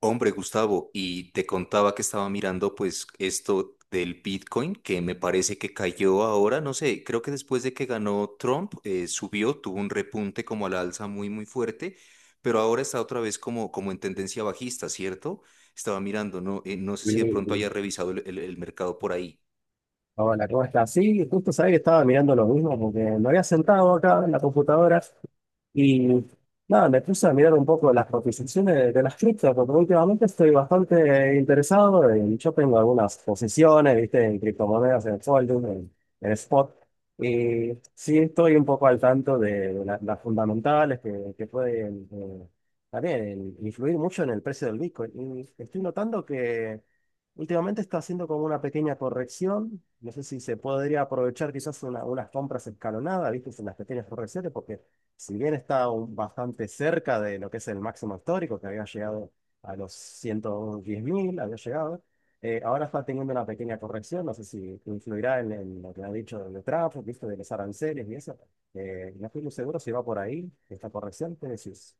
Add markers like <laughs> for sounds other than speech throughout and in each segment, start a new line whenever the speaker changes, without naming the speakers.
Hombre, Gustavo, y te contaba que estaba mirando pues esto del Bitcoin, que me parece que cayó ahora, no sé, creo que después de que ganó Trump, subió, tuvo un repunte como a la alza muy, muy fuerte, pero ahora está otra vez como en tendencia bajista, ¿cierto? Estaba mirando, no, no sé si de
Sí,
pronto haya
sí.
revisado el mercado por ahí.
Hola, ¿cómo estás? Sí, justo sabía que estaba mirando lo mismo porque me había sentado acá en la computadora y nada, me puse a mirar un poco las cotizaciones de las criptos porque últimamente estoy bastante interesado y yo tengo algunas posiciones, viste, en criptomonedas, en Folding, en Spot y sí estoy un poco al tanto de las fundamentales que pueden también influir mucho en el precio del Bitcoin y estoy notando Últimamente está haciendo como una pequeña corrección. No sé si se podría aprovechar quizás unas compras escalonadas, ¿viste? En las pequeñas correcciones, porque si bien está bastante cerca de lo que es el máximo histórico, que había llegado a los 110 mil, había llegado, ahora está teniendo una pequeña corrección. No sé si influirá en lo que ha dicho de Trump, ¿viste? De los aranceles y eso. No estoy muy seguro si va por ahí esta corrección. ¿Qué decís?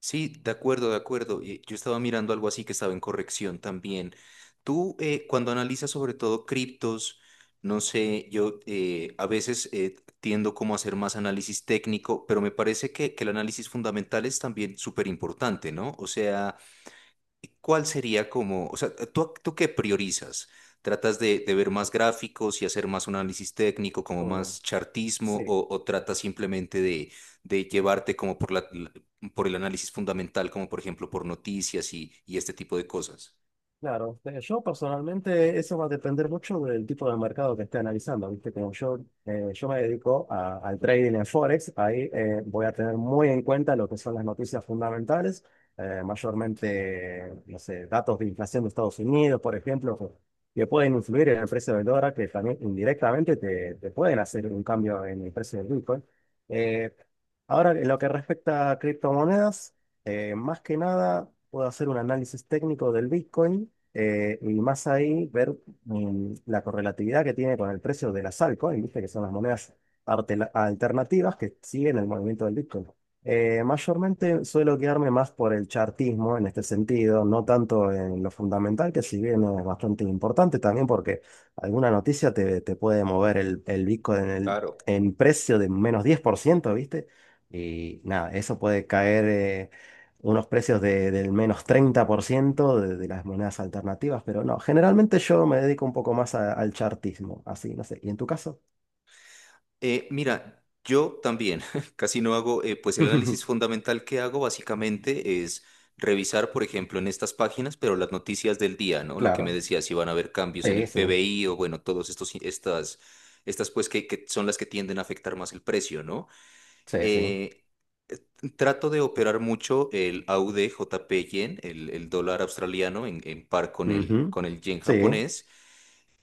Sí, de acuerdo, de acuerdo. Yo estaba mirando algo así que estaba en corrección también. Tú, cuando analizas sobre todo criptos, no sé, yo a veces tiendo como a hacer más análisis técnico, pero me parece que el análisis fundamental es también súper importante, ¿no? O sea, ¿cuál sería como, o sea, tú qué priorizas? ¿Tratas de ver más gráficos y hacer más un análisis técnico, como
Mm,
más chartismo,
sí.
o tratas simplemente de llevarte como por la por el análisis fundamental, como por ejemplo por noticias y este tipo de cosas?
Claro, yo personalmente eso va a depender mucho del tipo de mercado que esté analizando, ¿viste? Como yo, yo me dedico al trading en Forex. Ahí voy a tener muy en cuenta lo que son las noticias fundamentales, mayormente, no sé, datos de inflación de Estados Unidos, por ejemplo, que pueden influir en el precio del dólar, que también indirectamente te pueden hacer un cambio en el precio del Bitcoin. Eh, Ahora, en lo que respecta a criptomonedas, más que nada, puedo hacer un análisis técnico del Bitcoin y más ahí ver la correlatividad que tiene con el precio de las altcoins, ¿viste? Que son las monedas alternativas que siguen el movimiento del Bitcoin. Mayormente suelo quedarme más por el chartismo en este sentido, no tanto en lo fundamental, que si bien es bastante importante también porque alguna noticia te puede mover el Bitcoin
Claro.
en precio de menos 10%, ¿viste? Y nada, eso puede caer. Unos precios del menos 30% de las monedas alternativas, pero no, generalmente yo me dedico un poco más al chartismo, así, no sé. ¿Y en tu caso?
Mira, yo también <laughs> casi no hago, pues el
<laughs>
análisis fundamental que hago básicamente es revisar, por ejemplo, en estas páginas, pero las noticias del día, ¿no? Lo que me
Claro,
decía, si van a haber cambios en
sí,
el
sí,
PBI o bueno, todos estos, estas, estas pues que son las que tienden a afectar más el precio, ¿no?
sí, sí.
Eh, trato de operar mucho el AUD JP Yen, el dólar australiano en par
Ujú.
con el yen
Sí,
japonés.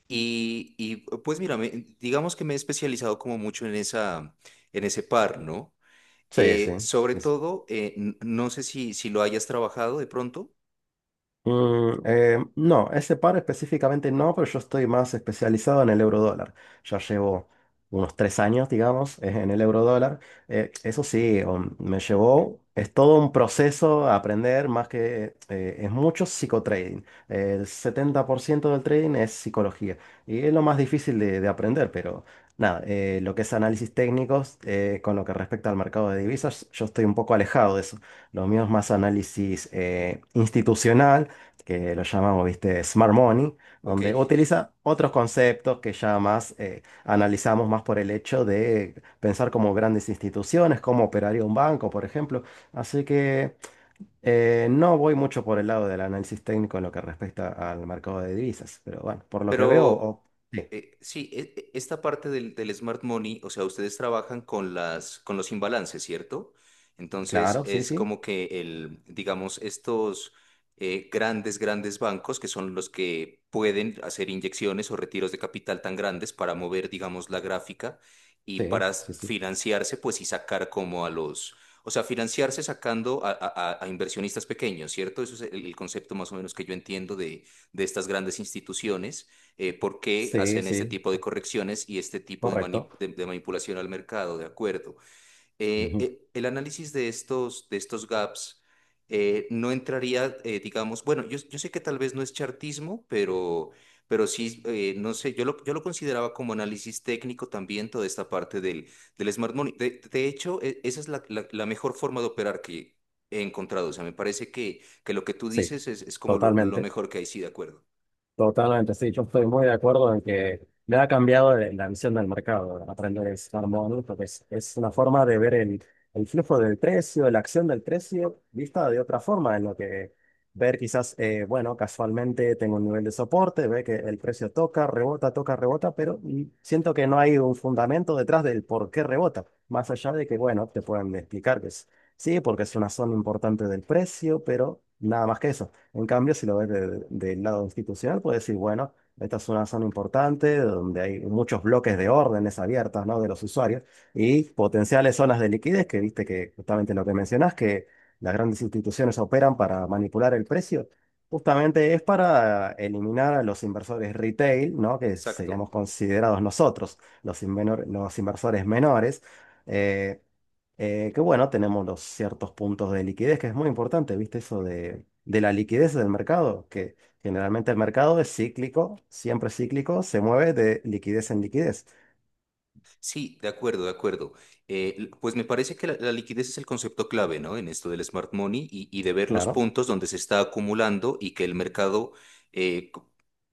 Y, pues mira, digamos que me he especializado como mucho en esa, en ese par, ¿no?
sí, sí.
Sobre todo, no sé si, si lo hayas trabajado de pronto.
No, ese par específicamente no, pero yo estoy más especializado en el eurodólar. Ya llevo unos 3 años, digamos, en el eurodólar. Eso sí, me llevó, es todo un proceso a aprender, más que es mucho psicotrading. El 70% del trading es psicología y es lo más difícil de aprender, pero nada, lo que es análisis técnicos con lo que respecta al mercado de divisas, yo estoy un poco alejado de eso. Lo mío es más análisis institucional, que lo llamamos, viste, Smart Money,
Ok.
donde utiliza otros conceptos que ya más analizamos más por el hecho de pensar como grandes instituciones, cómo operaría un banco, por ejemplo. Así que no voy mucho por el lado del análisis técnico en lo que respecta al mercado de divisas, pero bueno, por lo que veo,
Pero
sí,
Sí, esta parte del, del smart money, o sea, ustedes trabajan con las, con los imbalances, ¿cierto? Entonces
claro, sí,
es
sí,
como que el, digamos, estos grandes, grandes bancos que son los que pueden hacer inyecciones o retiros de capital tan grandes para mover, digamos, la gráfica y
sí,
para
sí, sí,
financiarse, pues y sacar como a los, o sea, financiarse sacando a, a inversionistas pequeños, ¿cierto? Eso es el concepto más o menos que yo entiendo de estas grandes instituciones por qué
sí,
hacen este
sí,
tipo de correcciones y este tipo de,
correcto.
de manipulación al mercado, ¿de acuerdo?
Ujú,
El análisis de estos gaps no entraría, digamos, bueno, yo sé que tal vez no es chartismo, pero sí, no sé, yo lo consideraba como análisis técnico también toda esta parte del, del smart money. De hecho, esa es la, la mejor forma de operar que he encontrado. O sea, me parece que lo que tú
sí,
dices es como lo
totalmente.
mejor que hay, sí, de acuerdo.
Totalmente, sí, yo estoy muy de acuerdo en que me ha cambiado la visión del mercado, aprender a estar mono, porque es una forma de ver el flujo del precio, la acción del precio, vista de otra forma, en lo que ver quizás, bueno, casualmente tengo un nivel de soporte, ve que el precio toca, rebota, pero siento que no hay un fundamento detrás del por qué rebota, más allá de que, bueno, te pueden explicar que es, sí, porque es una zona importante del precio, pero nada más que eso. En cambio, si lo ves del lado institucional, puedes decir, bueno, esta es una zona importante donde hay muchos bloques de órdenes abiertas, ¿no? De los usuarios y potenciales zonas de liquidez, que viste que justamente lo que mencionás, que las grandes instituciones operan para manipular el precio, justamente es para eliminar a los inversores retail, ¿no? Que
Exacto.
seríamos considerados nosotros, los, los inversores menores. eh, que bueno, tenemos los ciertos puntos de liquidez, que es muy importante, ¿viste? Eso de la liquidez del mercado, que generalmente el mercado es cíclico, siempre cíclico, se mueve de liquidez en liquidez.
Sí, de acuerdo, de acuerdo. Pues me parece que la liquidez es el concepto clave, ¿no? En esto del smart money y de ver los
Claro.
puntos donde se está acumulando y que el mercado eh, co-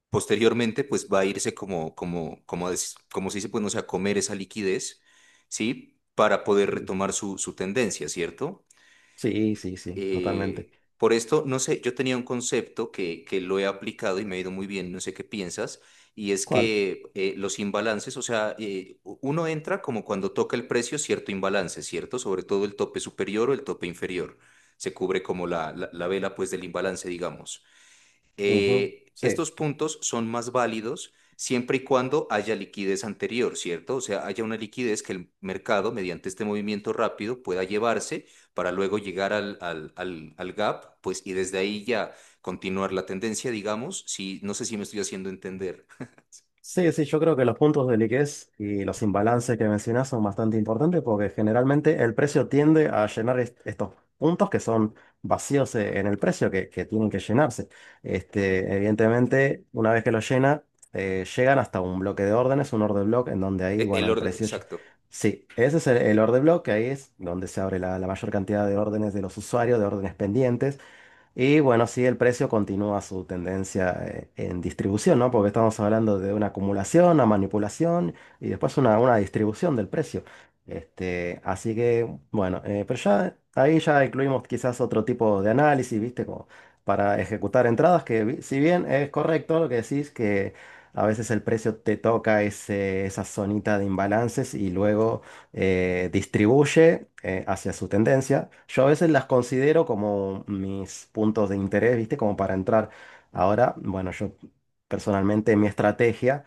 posteriormente pues va a irse como, como, como, como se dice, pues no sé, a comer esa liquidez, ¿sí? Para poder
Mm.
retomar su, su tendencia, ¿cierto?
Sí, sí, sí, totalmente.
Por esto, no sé, yo tenía un concepto que lo he aplicado y me ha ido muy bien, no sé qué piensas, y es
¿Cuál?
que los imbalances, o sea, uno entra como cuando toca el precio cierto imbalance, ¿cierto? Sobre todo el tope superior o el tope inferior. Se cubre como la vela pues del imbalance, digamos.
Ujú, sí.
Estos puntos son más válidos siempre y cuando haya liquidez anterior, ¿cierto? O sea, haya una liquidez que el mercado, mediante este movimiento rápido, pueda llevarse para luego llegar al, al, al, al gap, pues, y desde ahí ya continuar la tendencia, digamos, si, no sé si me estoy haciendo entender. <laughs>
Sí, sí, yo creo que los puntos de liquidez y los imbalances que mencionas son bastante importantes porque generalmente el precio tiende a llenar estos puntos que son vacíos en el precio, que tienen que llenarse. Este, evidentemente, una vez que lo llena, llegan hasta un bloque de órdenes, un order block, en donde ahí, bueno,
El
el
orden,
precio... ll-
exacto,
Sí, ese es el order block, que ahí es donde se abre la mayor cantidad de órdenes de los usuarios, de órdenes pendientes. Y bueno, sí, el precio continúa su tendencia en distribución, ¿no? Porque estamos hablando de una acumulación, una manipulación y después una distribución del precio. Este, así que, bueno, pero ya ahí ya incluimos quizás otro tipo de análisis, ¿viste? Como para ejecutar entradas, que si bien es correcto lo que decís, que a veces el precio te toca ese, esa zonita de imbalances y luego distribuye hacia su tendencia. Yo a veces las considero como mis puntos de interés, ¿viste? Como para entrar. Ahora, bueno, yo personalmente mi estrategia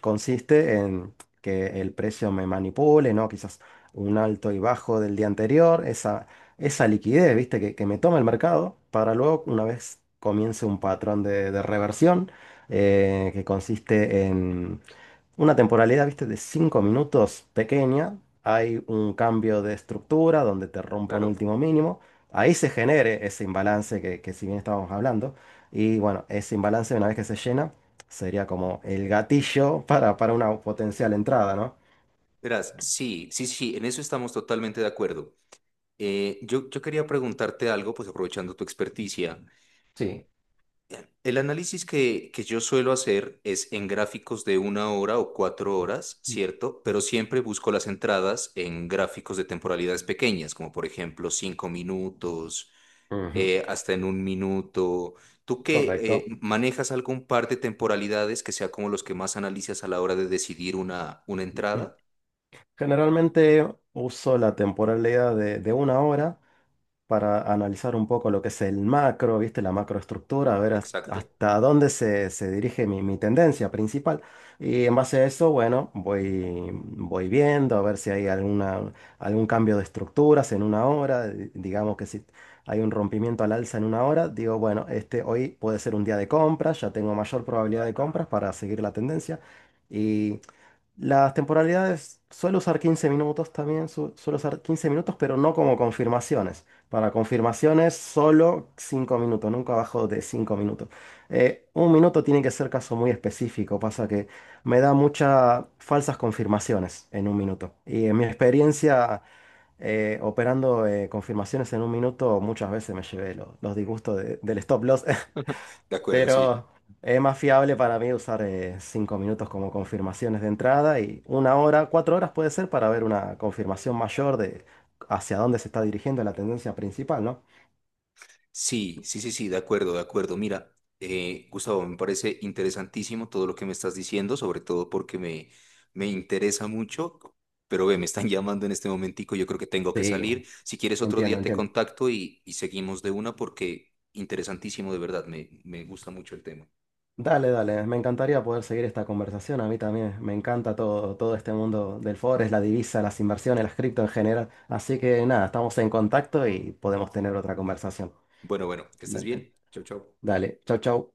consiste en que el precio me manipule, ¿no? Quizás un alto y bajo del día anterior, esa liquidez, ¿viste? Que me toma el mercado para luego, una vez comience un patrón de reversión, que consiste en una temporalidad, viste, de 5 minutos pequeña. Hay un cambio de estructura donde te rompo un
claro.
último mínimo. Ahí se genere ese imbalance que si bien estábamos hablando. Y bueno, ese imbalance una vez que se llena sería como el gatillo <laughs> para una potencial entrada, ¿no?
Verás, sí, sí, sí, en eso estamos totalmente de acuerdo. Yo quería preguntarte algo, pues aprovechando tu experticia.
Sí.
El análisis que yo suelo hacer es en gráficos de una hora o cuatro horas, ¿cierto? Pero siempre busco las entradas en gráficos de temporalidades pequeñas, como por ejemplo cinco minutos,
Ujú,
hasta en un minuto. ¿Tú que
correcto.
manejas algún par de temporalidades que sea como los que más analizas a la hora de decidir una entrada?
<clears throat> Generalmente uso la temporalidad de una hora para analizar un poco lo que es el macro, ¿viste? La macroestructura, a ver
Exacto.
hasta dónde se dirige mi tendencia principal. Y en base a eso, bueno, voy viendo a ver si hay alguna, algún cambio de estructuras en una hora. Digamos que si hay un rompimiento al alza en una hora, digo, bueno, este hoy puede ser un día de compras, ya tengo mayor probabilidad de compras para seguir la tendencia. Y las temporalidades, suelo usar 15 minutos también, suelo usar 15 minutos, pero no como confirmaciones. Para confirmaciones, solo 5 minutos, nunca abajo de 5 minutos. Un minuto tiene que ser caso muy específico, pasa que me da muchas falsas confirmaciones en un minuto. Y en mi experiencia operando confirmaciones en un minuto, muchas veces me llevé los disgustos del stop loss,
De
<laughs>
acuerdo, sí.
pero es más fiable para mí usar 5 minutos como confirmaciones de entrada y una hora, 4 horas puede ser para ver una confirmación mayor de hacia dónde se está dirigiendo la tendencia principal, ¿no?
Sí, sí, sí, sí, de acuerdo, de acuerdo. Mira, Gustavo, me parece interesantísimo todo lo que me estás diciendo, sobre todo porque me interesa mucho, pero ve, me están <laughs> llamando en este momentico, yo creo que tengo que
Sí,
salir. Si quieres otro
entiendo,
día te
entiendo.
contacto y seguimos de una porque interesantísimo, de verdad, me gusta mucho el tema.
Dale, dale, me encantaría poder seguir esta conversación, a mí también, me encanta todo, todo este mundo del forex, la divisa, las inversiones, las cripto en general, así que nada, estamos en contacto y podemos tener otra conversación.
Bueno, bueno, que estés
Dale,
bien. Chao, chao.
dale. Chau, chau.